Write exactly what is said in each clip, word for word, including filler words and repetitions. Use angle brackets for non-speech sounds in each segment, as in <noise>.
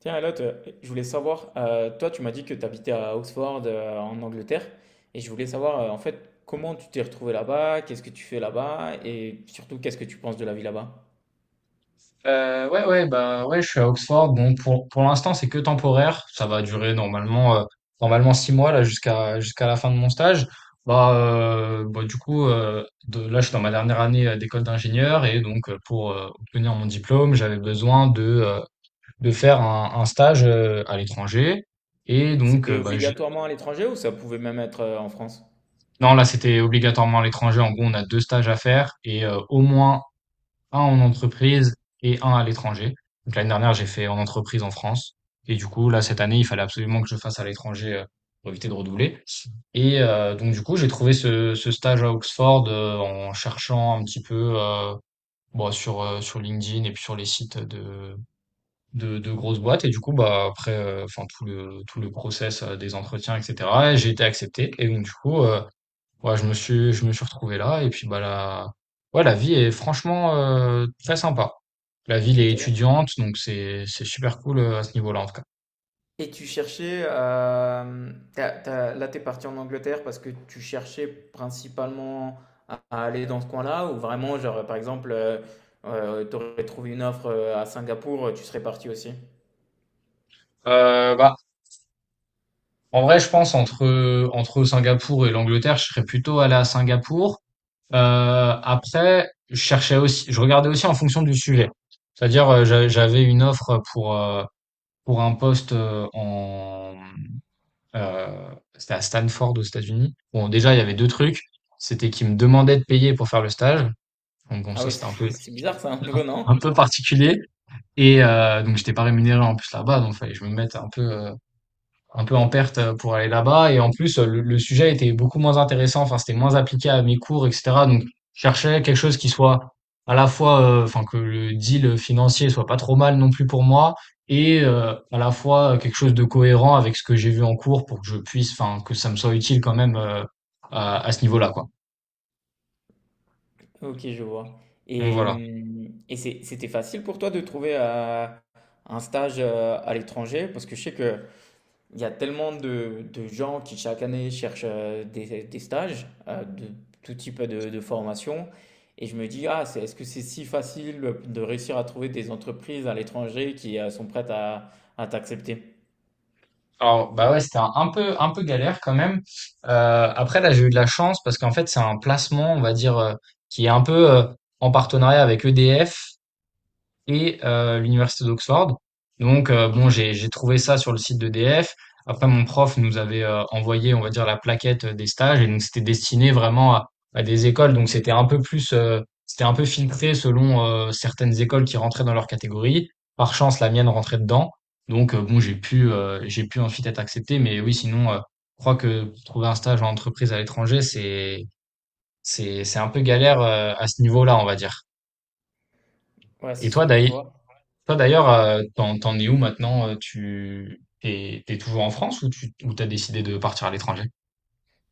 Tiens, Elliot, euh, je voulais savoir, euh, toi, tu m'as dit que tu habitais à Oxford, euh, en Angleterre, et je voulais savoir, euh, en fait, comment tu t'es retrouvé là-bas, qu'est-ce que tu fais là-bas, et surtout, qu'est-ce que tu penses de la vie là-bas? Euh, ouais, ouais, bah ouais, je suis à Oxford. Bon, pour, pour l'instant, c'est que temporaire. Ça va durer normalement, euh, normalement six mois là jusqu'à jusqu'à la fin de mon stage. Bah, euh, bah du coup, euh, de, là, je suis dans ma dernière année euh, d'école d'ingénieur et donc euh, pour euh, obtenir mon diplôme, j'avais besoin de euh, de faire un, un stage euh, à l'étranger. Et donc, euh, C'était bah, j'ai... obligatoirement à l'étranger ou ça pouvait même être euh, en France? non, là, c'était obligatoirement à l'étranger. En gros, on a deux stages à faire et euh, au moins un en entreprise et un à l'étranger. Donc l'année dernière, j'ai fait en entreprise en France. Et du coup, là, cette année, il fallait absolument que je fasse à l'étranger euh, pour éviter de redoubler. Et euh, donc, du coup, j'ai trouvé ce, ce stage à Oxford euh, en cherchant un petit peu euh, bon, sur, euh, sur LinkedIn et puis sur les sites de, de, de grosses boîtes. Et du coup, bah, après, euh, enfin, tout le, tout le process euh, des entretiens, et cætera, j'ai été accepté. Et donc, du coup, euh, ouais, je me suis, je me suis retrouvé là et puis bah la, ouais, la vie est franchement euh, très sympa. La ville est Ok. étudiante, donc c'est c'est super cool euh, à ce niveau-là en tout cas. Et tu cherchais, euh, t'as- t'as- là, t'es parti en Angleterre parce que tu cherchais principalement à, à aller dans ce coin-là, ou vraiment, genre, par exemple, tu aurais trouvé une offre euh, à Singapour, tu serais parti aussi? Euh, bah en vrai, je pense entre entre Singapour et l'Angleterre, je serais plutôt allé à Singapour. Euh, après, je cherchais aussi, je regardais aussi en fonction du sujet. C'est-à-dire, euh, j'a- j'avais une offre pour euh, pour un poste euh, en Heu, c'était à Stanford aux États-Unis. Bon, déjà, il y avait deux trucs, c'était qu'ils me demandaient de payer pour faire le stage, donc bon, Ah ça, oui, c'était un peu <laughs> c'est bizarre ça, un peu, un non? peu particulier et heu, donc j'étais pas rémunéré en plus là-bas, donc fallait que je me mette un peu, heu un peu en perte euh, pour aller là-bas. Et en plus, euh, le, le sujet était beaucoup moins intéressant. Enfin, c'était moins appliqué à mes cours, et cætera. Donc, je cherchais quelque chose qui soit à la fois, euh, enfin, que le deal financier soit pas trop mal non plus pour moi, et euh, à la fois euh, quelque chose de cohérent avec ce que j'ai vu en cours pour que je puisse, enfin, que ça me soit utile quand même euh, à, à ce niveau-là, quoi. Ok, je vois. Donc Et, voilà. hum, et c'est- c'était facile pour toi de trouver euh, un stage euh, à l'étranger? Parce que je sais qu'il y a tellement de, de gens qui chaque année cherchent euh, des, des stages euh, de tout type de, de formation. Et je me dis, ah, c'est, est-ce que c'est si facile de réussir à trouver des entreprises à l'étranger qui euh, sont prêtes à, à t'accepter? Alors, bah ouais, c'était un, un peu, un peu galère quand même. Euh, après, là, j'ai eu de la chance parce qu'en fait, c'est un placement, on va dire, euh, qui est un peu euh, en partenariat avec E D F et euh, l'université d'Oxford. Donc euh, bon, j'ai j'ai trouvé ça sur le site de d'E D F. Après, mon prof nous avait euh, envoyé, on va dire, la plaquette des stages et donc c'était destiné vraiment à, à des écoles. Donc c'était un peu plus, euh, c'était un peu filtré selon euh, certaines écoles qui rentraient dans leur catégorie. Par chance, la mienne rentrait dedans. Donc euh, bon, j'ai pu, euh, j'ai pu ensuite être accepté. Mais oui, sinon, euh, je crois que trouver un stage en entreprise à l'étranger, c'est, c'est, c'est un peu galère euh, à ce niveau-là, on va dire. Ouais, Et c'est toi, sûr, je d'ailleurs vois. toi d'ailleurs, euh, t'en, t'en es où maintenant? Euh, Tu t'es, t'es toujours en France ou tu ou t'as décidé de partir à l'étranger?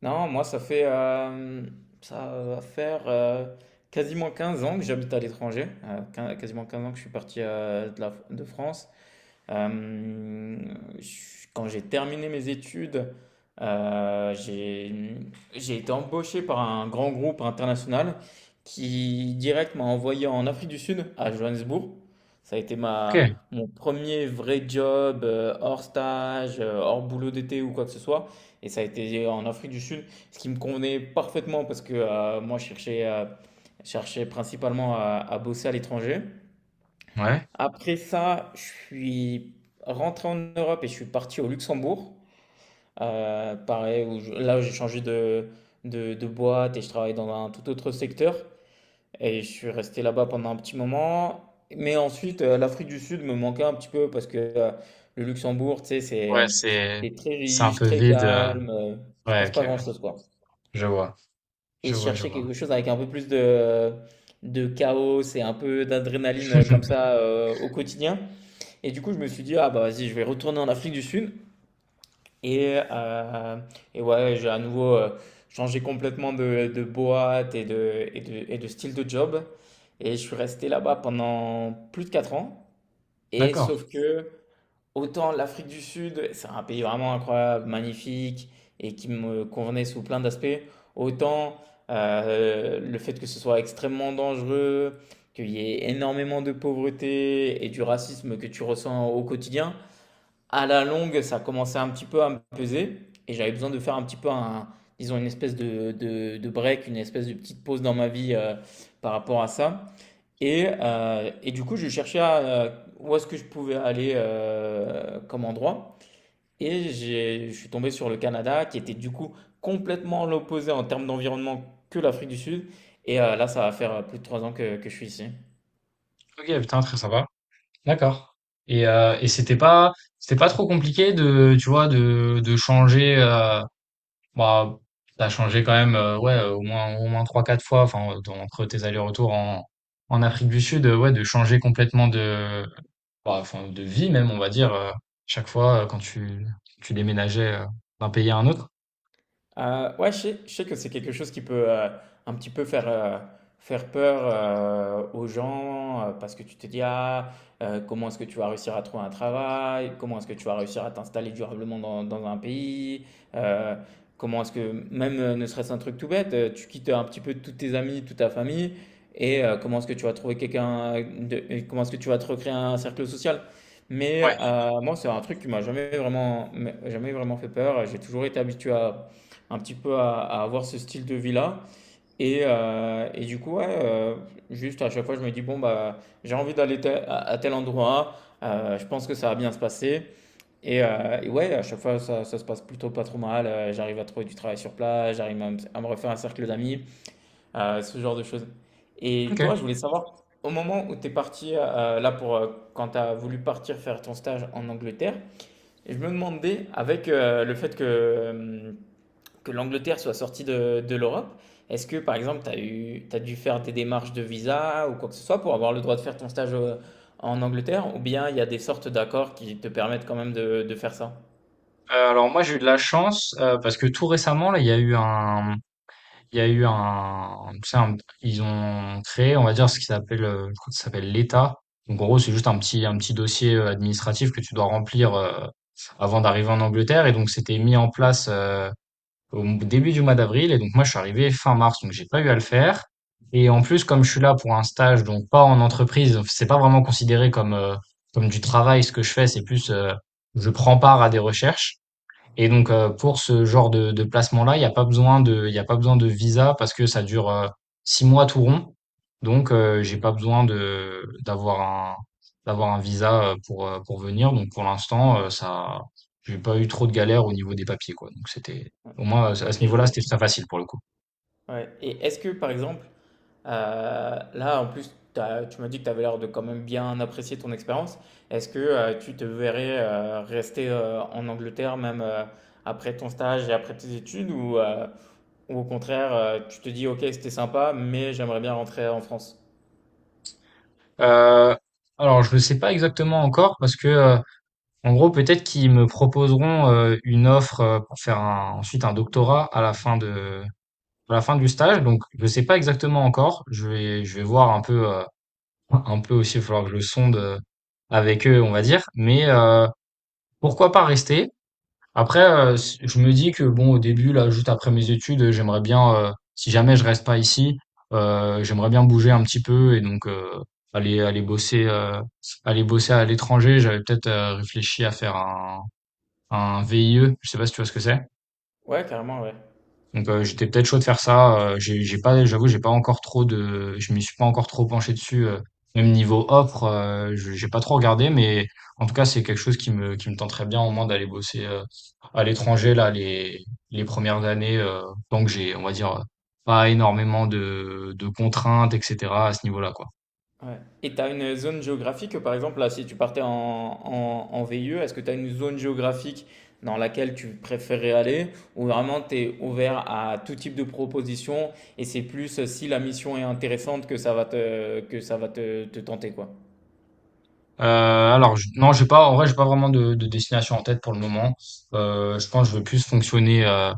Non, moi, ça fait, euh, ça va faire euh, quasiment quinze ans que j'habite à l'étranger. Euh, quin- quasiment quinze ans que je suis parti euh, de la- de France. Euh, quand j'ai terminé mes études, euh, j'ai j'ai été embauché par un grand groupe international qui direct m'a envoyé en Afrique du Sud, à Johannesburg. Ça a été ma, Ok, mon premier vrai job euh, hors stage, euh, hors boulot d'été ou quoi que ce soit. Et ça a été en Afrique du Sud, ce qui me convenait parfaitement parce que euh, moi je cherchais, euh, je cherchais principalement à, à bosser à l'étranger. ouais, Après ça, je suis rentré en Europe et je suis parti au Luxembourg. Euh, pareil, où je- là, j'ai changé de, de, de boîte et je travaille dans un tout autre secteur. Et je suis resté là-bas pendant un petit moment. Mais ensuite, euh, l'Afrique du Sud me manquait un petit peu parce que euh, le Luxembourg, tu sais, c'est ouais, euh, c'est c'est très c'est un riche, peu très vide. euh, calme. Euh, il se Ouais, passe ok, pas grand-chose, quoi. je vois, Et je je vois, je cherchais vois. quelque chose avec un peu plus de, de chaos et un peu d'adrénaline euh, comme <laughs> ça euh, au quotidien. Et du coup, je me suis dit, ah bah vas-y, je vais retourner en Afrique du Sud. Et, euh, et ouais, j'ai à nouveau euh, changé complètement de, de boîte et de, et de, et de style de job. Et je suis resté là-bas pendant plus de quatre ans. Et D'accord. sauf que, autant l'Afrique du Sud, c'est un pays vraiment incroyable, magnifique, et qui me convenait sous plein d'aspects, autant euh, le fait que ce soit extrêmement dangereux, qu'il y ait énormément de pauvreté et du racisme que tu ressens au quotidien, à la longue, ça commençait un petit peu à me peser et j'avais besoin de faire un petit peu un, disons, une espèce de, de, de break, une espèce de petite pause dans ma vie euh, par rapport à ça. Et, euh, et du coup, je cherchais à, euh, où est-ce que je pouvais aller euh, comme endroit. Et j'ai- je suis tombé sur le Canada, qui était du coup complètement l'opposé en termes d'environnement que l'Afrique du Sud. Et euh, là, ça va faire euh, plus de trois ans que, que je suis ici. Ok, putain, très sympa. D'accord. Et euh, et c'était pas c'était pas trop compliqué de tu vois de de changer. Euh, bah t'as changé quand même euh, ouais euh, au moins au moins trois quatre fois enfin euh, dans- entre tes allers-retours en en Afrique du Sud euh, ouais de changer complètement de Bah, enfin, de vie même, on va dire, heu, chaque fois, heu, quand tu tu déménageais, heu, d'un pays à un autre? Euh, ouais, je sais, je sais que c'est quelque chose qui peut euh, un petit peu faire, euh, faire peur euh, aux gens euh, parce que tu te dis, ah, euh, comment est-ce que tu vas réussir à trouver un travail? Comment est-ce que tu vas réussir à t'installer durablement dans, dans un pays? Euh, comment est-ce que, même euh, ne serait-ce un truc tout bête, euh, tu quittes un petit peu tous tes amis, toute ta famille et euh, comment est-ce que tu vas trouver quelqu'un, de- et comment est-ce que tu vas te recréer un cercle social? Mais Ouais, euh, moi, c'est un truc qui m'a jamais vraiment, jamais vraiment fait peur. J'ai toujours été habitué à un petit peu à, à avoir ce style de vie-là. Et, euh, et du coup, ouais, euh, juste à chaque fois, je me dis, bon, bah, j'ai envie d'aller tel- à, à tel endroit, euh, je pense que ça va bien se passer. Et, euh, et ouais, à chaque fois, ça, ça se passe plutôt pas trop mal. Euh, j'arrive à trouver du travail sur place, j'arrive à, me à me refaire un cercle d'amis, euh, ce genre de choses. Et OK. Heu, toi, je voulais savoir, au moment où tu es parti, euh, là, pour, euh, quand tu as voulu partir faire ton stage en Angleterre, et je me demandais, avec euh, le fait que euh, que l'Angleterre soit sortie de, de l'Europe, est-ce que par exemple, tu as eu, t'as dû faire des démarches de visa ou quoi que ce soit pour avoir le droit de faire ton stage euh, en Angleterre, ou bien il y a des sortes d'accords qui te permettent quand même de, de faire ça? Alors moi, j'ai eu de la chance, heu, parce que tout récemment, là, il y a eu un il y a eu un tu sais, un ils ont créé, on va dire, ce qui s'appelle, heu, je crois que ça s'appelle l'État. Donc en gros, c'est juste un petit un petit dossier, heu, administratif que tu dois remplir, heu, avant d'arriver en Angleterre et donc c'était mis en place, euh, au m- début du mois d'avril. Et donc moi, je suis arrivé fin mars, donc j'ai pas eu à le faire. Et en plus, comme je suis là pour un stage, donc pas en entreprise, c'est pas vraiment considéré comme euh, comme du travail ce que je fais, c'est plus euh, je prends part à des recherches. Et donc, heu, pour ce genre de de placement-là, il y a pas besoin de il y a pas besoin de visa parce que ça dure, heu, six mois tout rond. Donc, heu, j'ai pas besoin de d'avoir un d'avoir un visa, heu, pour, heu, pour venir. Donc pour l'instant, heu, ça j'ai pas eu trop de galères au niveau des papiers, quoi. Donc c'était Ouais. au moins, à Ok, ce je niveau-là, c'était vois. très facile pour le coup. Ouais. Et est-ce que par exemple, euh, là en plus, t'as- tu m'as dit que tu avais l'air de quand même bien apprécier ton expérience, est-ce que euh, tu te verrais euh, rester euh, en Angleterre même euh, après ton stage et après tes études, ou, euh, ou au contraire, euh, tu te dis, ok, c'était sympa, mais j'aimerais bien rentrer en France. Heu, alors je ne sais pas exactement encore parce que, heu, en gros, peut-être qu'ils me proposeront euh, une offre euh, pour faire un- ensuite un doctorat à la fin de, à la fin du stage. Donc, je sais pas exactement encore. Je vais, je vais voir un peu, euh, un peu aussi. Il va falloir que je sonde euh, avec eux, on va dire. Mais euh, pourquoi pas rester? Après, euh, s- je me dis que bon, au début, là, juste après mes études, j'aimerais bien, euh, si jamais je reste pas ici, euh, j'aimerais bien bouger un petit peu et donc euh, aller, aller bosser, euh, aller bosser à l'étranger. J'avais peut-être euh, réfléchi à faire un un V I E, je sais pas si tu vois ce que c'est. Ouais, carrément, ouais. Donc euh, j'étais peut-être chaud de faire ça. euh, j'ai j'ai pas, j'avoue, j'ai pas encore trop de, je m'y suis pas encore trop penché dessus. euh, même niveau offre, euh, je- j'ai pas trop regardé, mais en tout cas c'est quelque chose qui me qui me tenterait bien au moins d'aller bosser euh, à l'étranger là les les premières années. Euh, tant que j'ai, on va dire, euh, pas énormément de de contraintes, et cætera à ce niveau-là quoi. Ouais. Et tu as une zone géographique, par exemple, là, si tu partais en, en, en V I E, est-ce que tu as une zone géographique dans laquelle tu préférais aller ou vraiment tu es ouvert à tout type de proposition et c'est plus euh, si la mission est intéressante que ça va te, que ça va te, te tenter, quoi. Euh, alors je- non, j'ai pas en vrai, j'ai pas vraiment de, de destination en tête pour le moment. Euh, je pense que je veux plus fonctionner euh,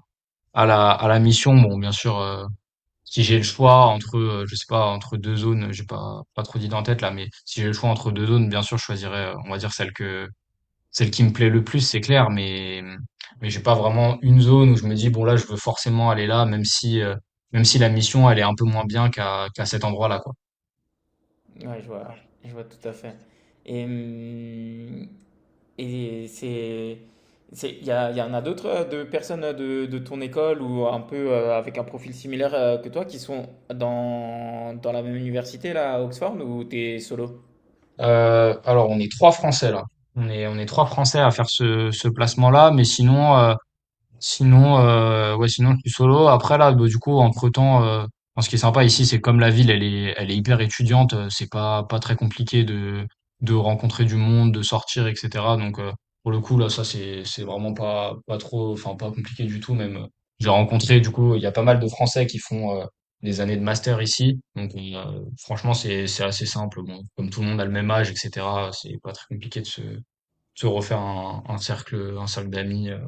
à la à la mission. Bon, bien sûr, euh, si j'ai le choix entre euh, je sais pas entre deux zones, j'ai pas pas trop d'idées en tête là, mais si j'ai le choix entre deux zones, bien sûr, je choisirais euh, on va dire celle que celle qui me plaît le plus, c'est clair, mais mais j'ai pas vraiment une zone où je me dis bon là, je veux forcément aller là, même si euh, même si la mission elle est un peu moins bien qu'à qu'à cet endroit-là quoi. Ouais, je vois, je vois tout à fait. Et hum, et c'est, c'est, il y, a- il y en a d'autres euh, de personnes de, de ton école ou un peu euh, avec un profil similaire euh, que toi qui sont dans, dans la même université là à Oxford ou t'es solo? Euh, alors, on est trois Français là. On est, on est trois Français à faire ce, ce placement-là, mais sinon, euh, Sinon, euh, ouais, sinon je suis solo. Après là, bah, du coup, entre-temps, euh, enfin, ce qui est sympa ici, c'est que comme la ville, elle est, elle est hyper étudiante, euh, c'est pas, pas très compliqué de, de rencontrer du monde, de sortir, et cætera. Donc euh, pour le coup, là, ça c'est, c'est vraiment pas, pas trop, enfin pas compliqué du tout. Même euh, j'ai rencontré, du coup, il y a pas mal de Français qui font euh, des années de master ici. Donc euh, franchement, c'est, c'est assez simple. Bon, comme tout le monde a le même âge, et cætera. C'est pas très compliqué de se, de se refaire un, un cercle, un cercle d'amis. euh,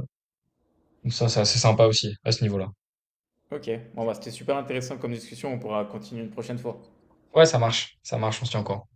donc ça, c'est assez sympa aussi à ce niveau-là. Ok, bon bah c'était super intéressant comme discussion, on pourra continuer une prochaine fois. Ouais, ça marche, ça marche, on se tient encore.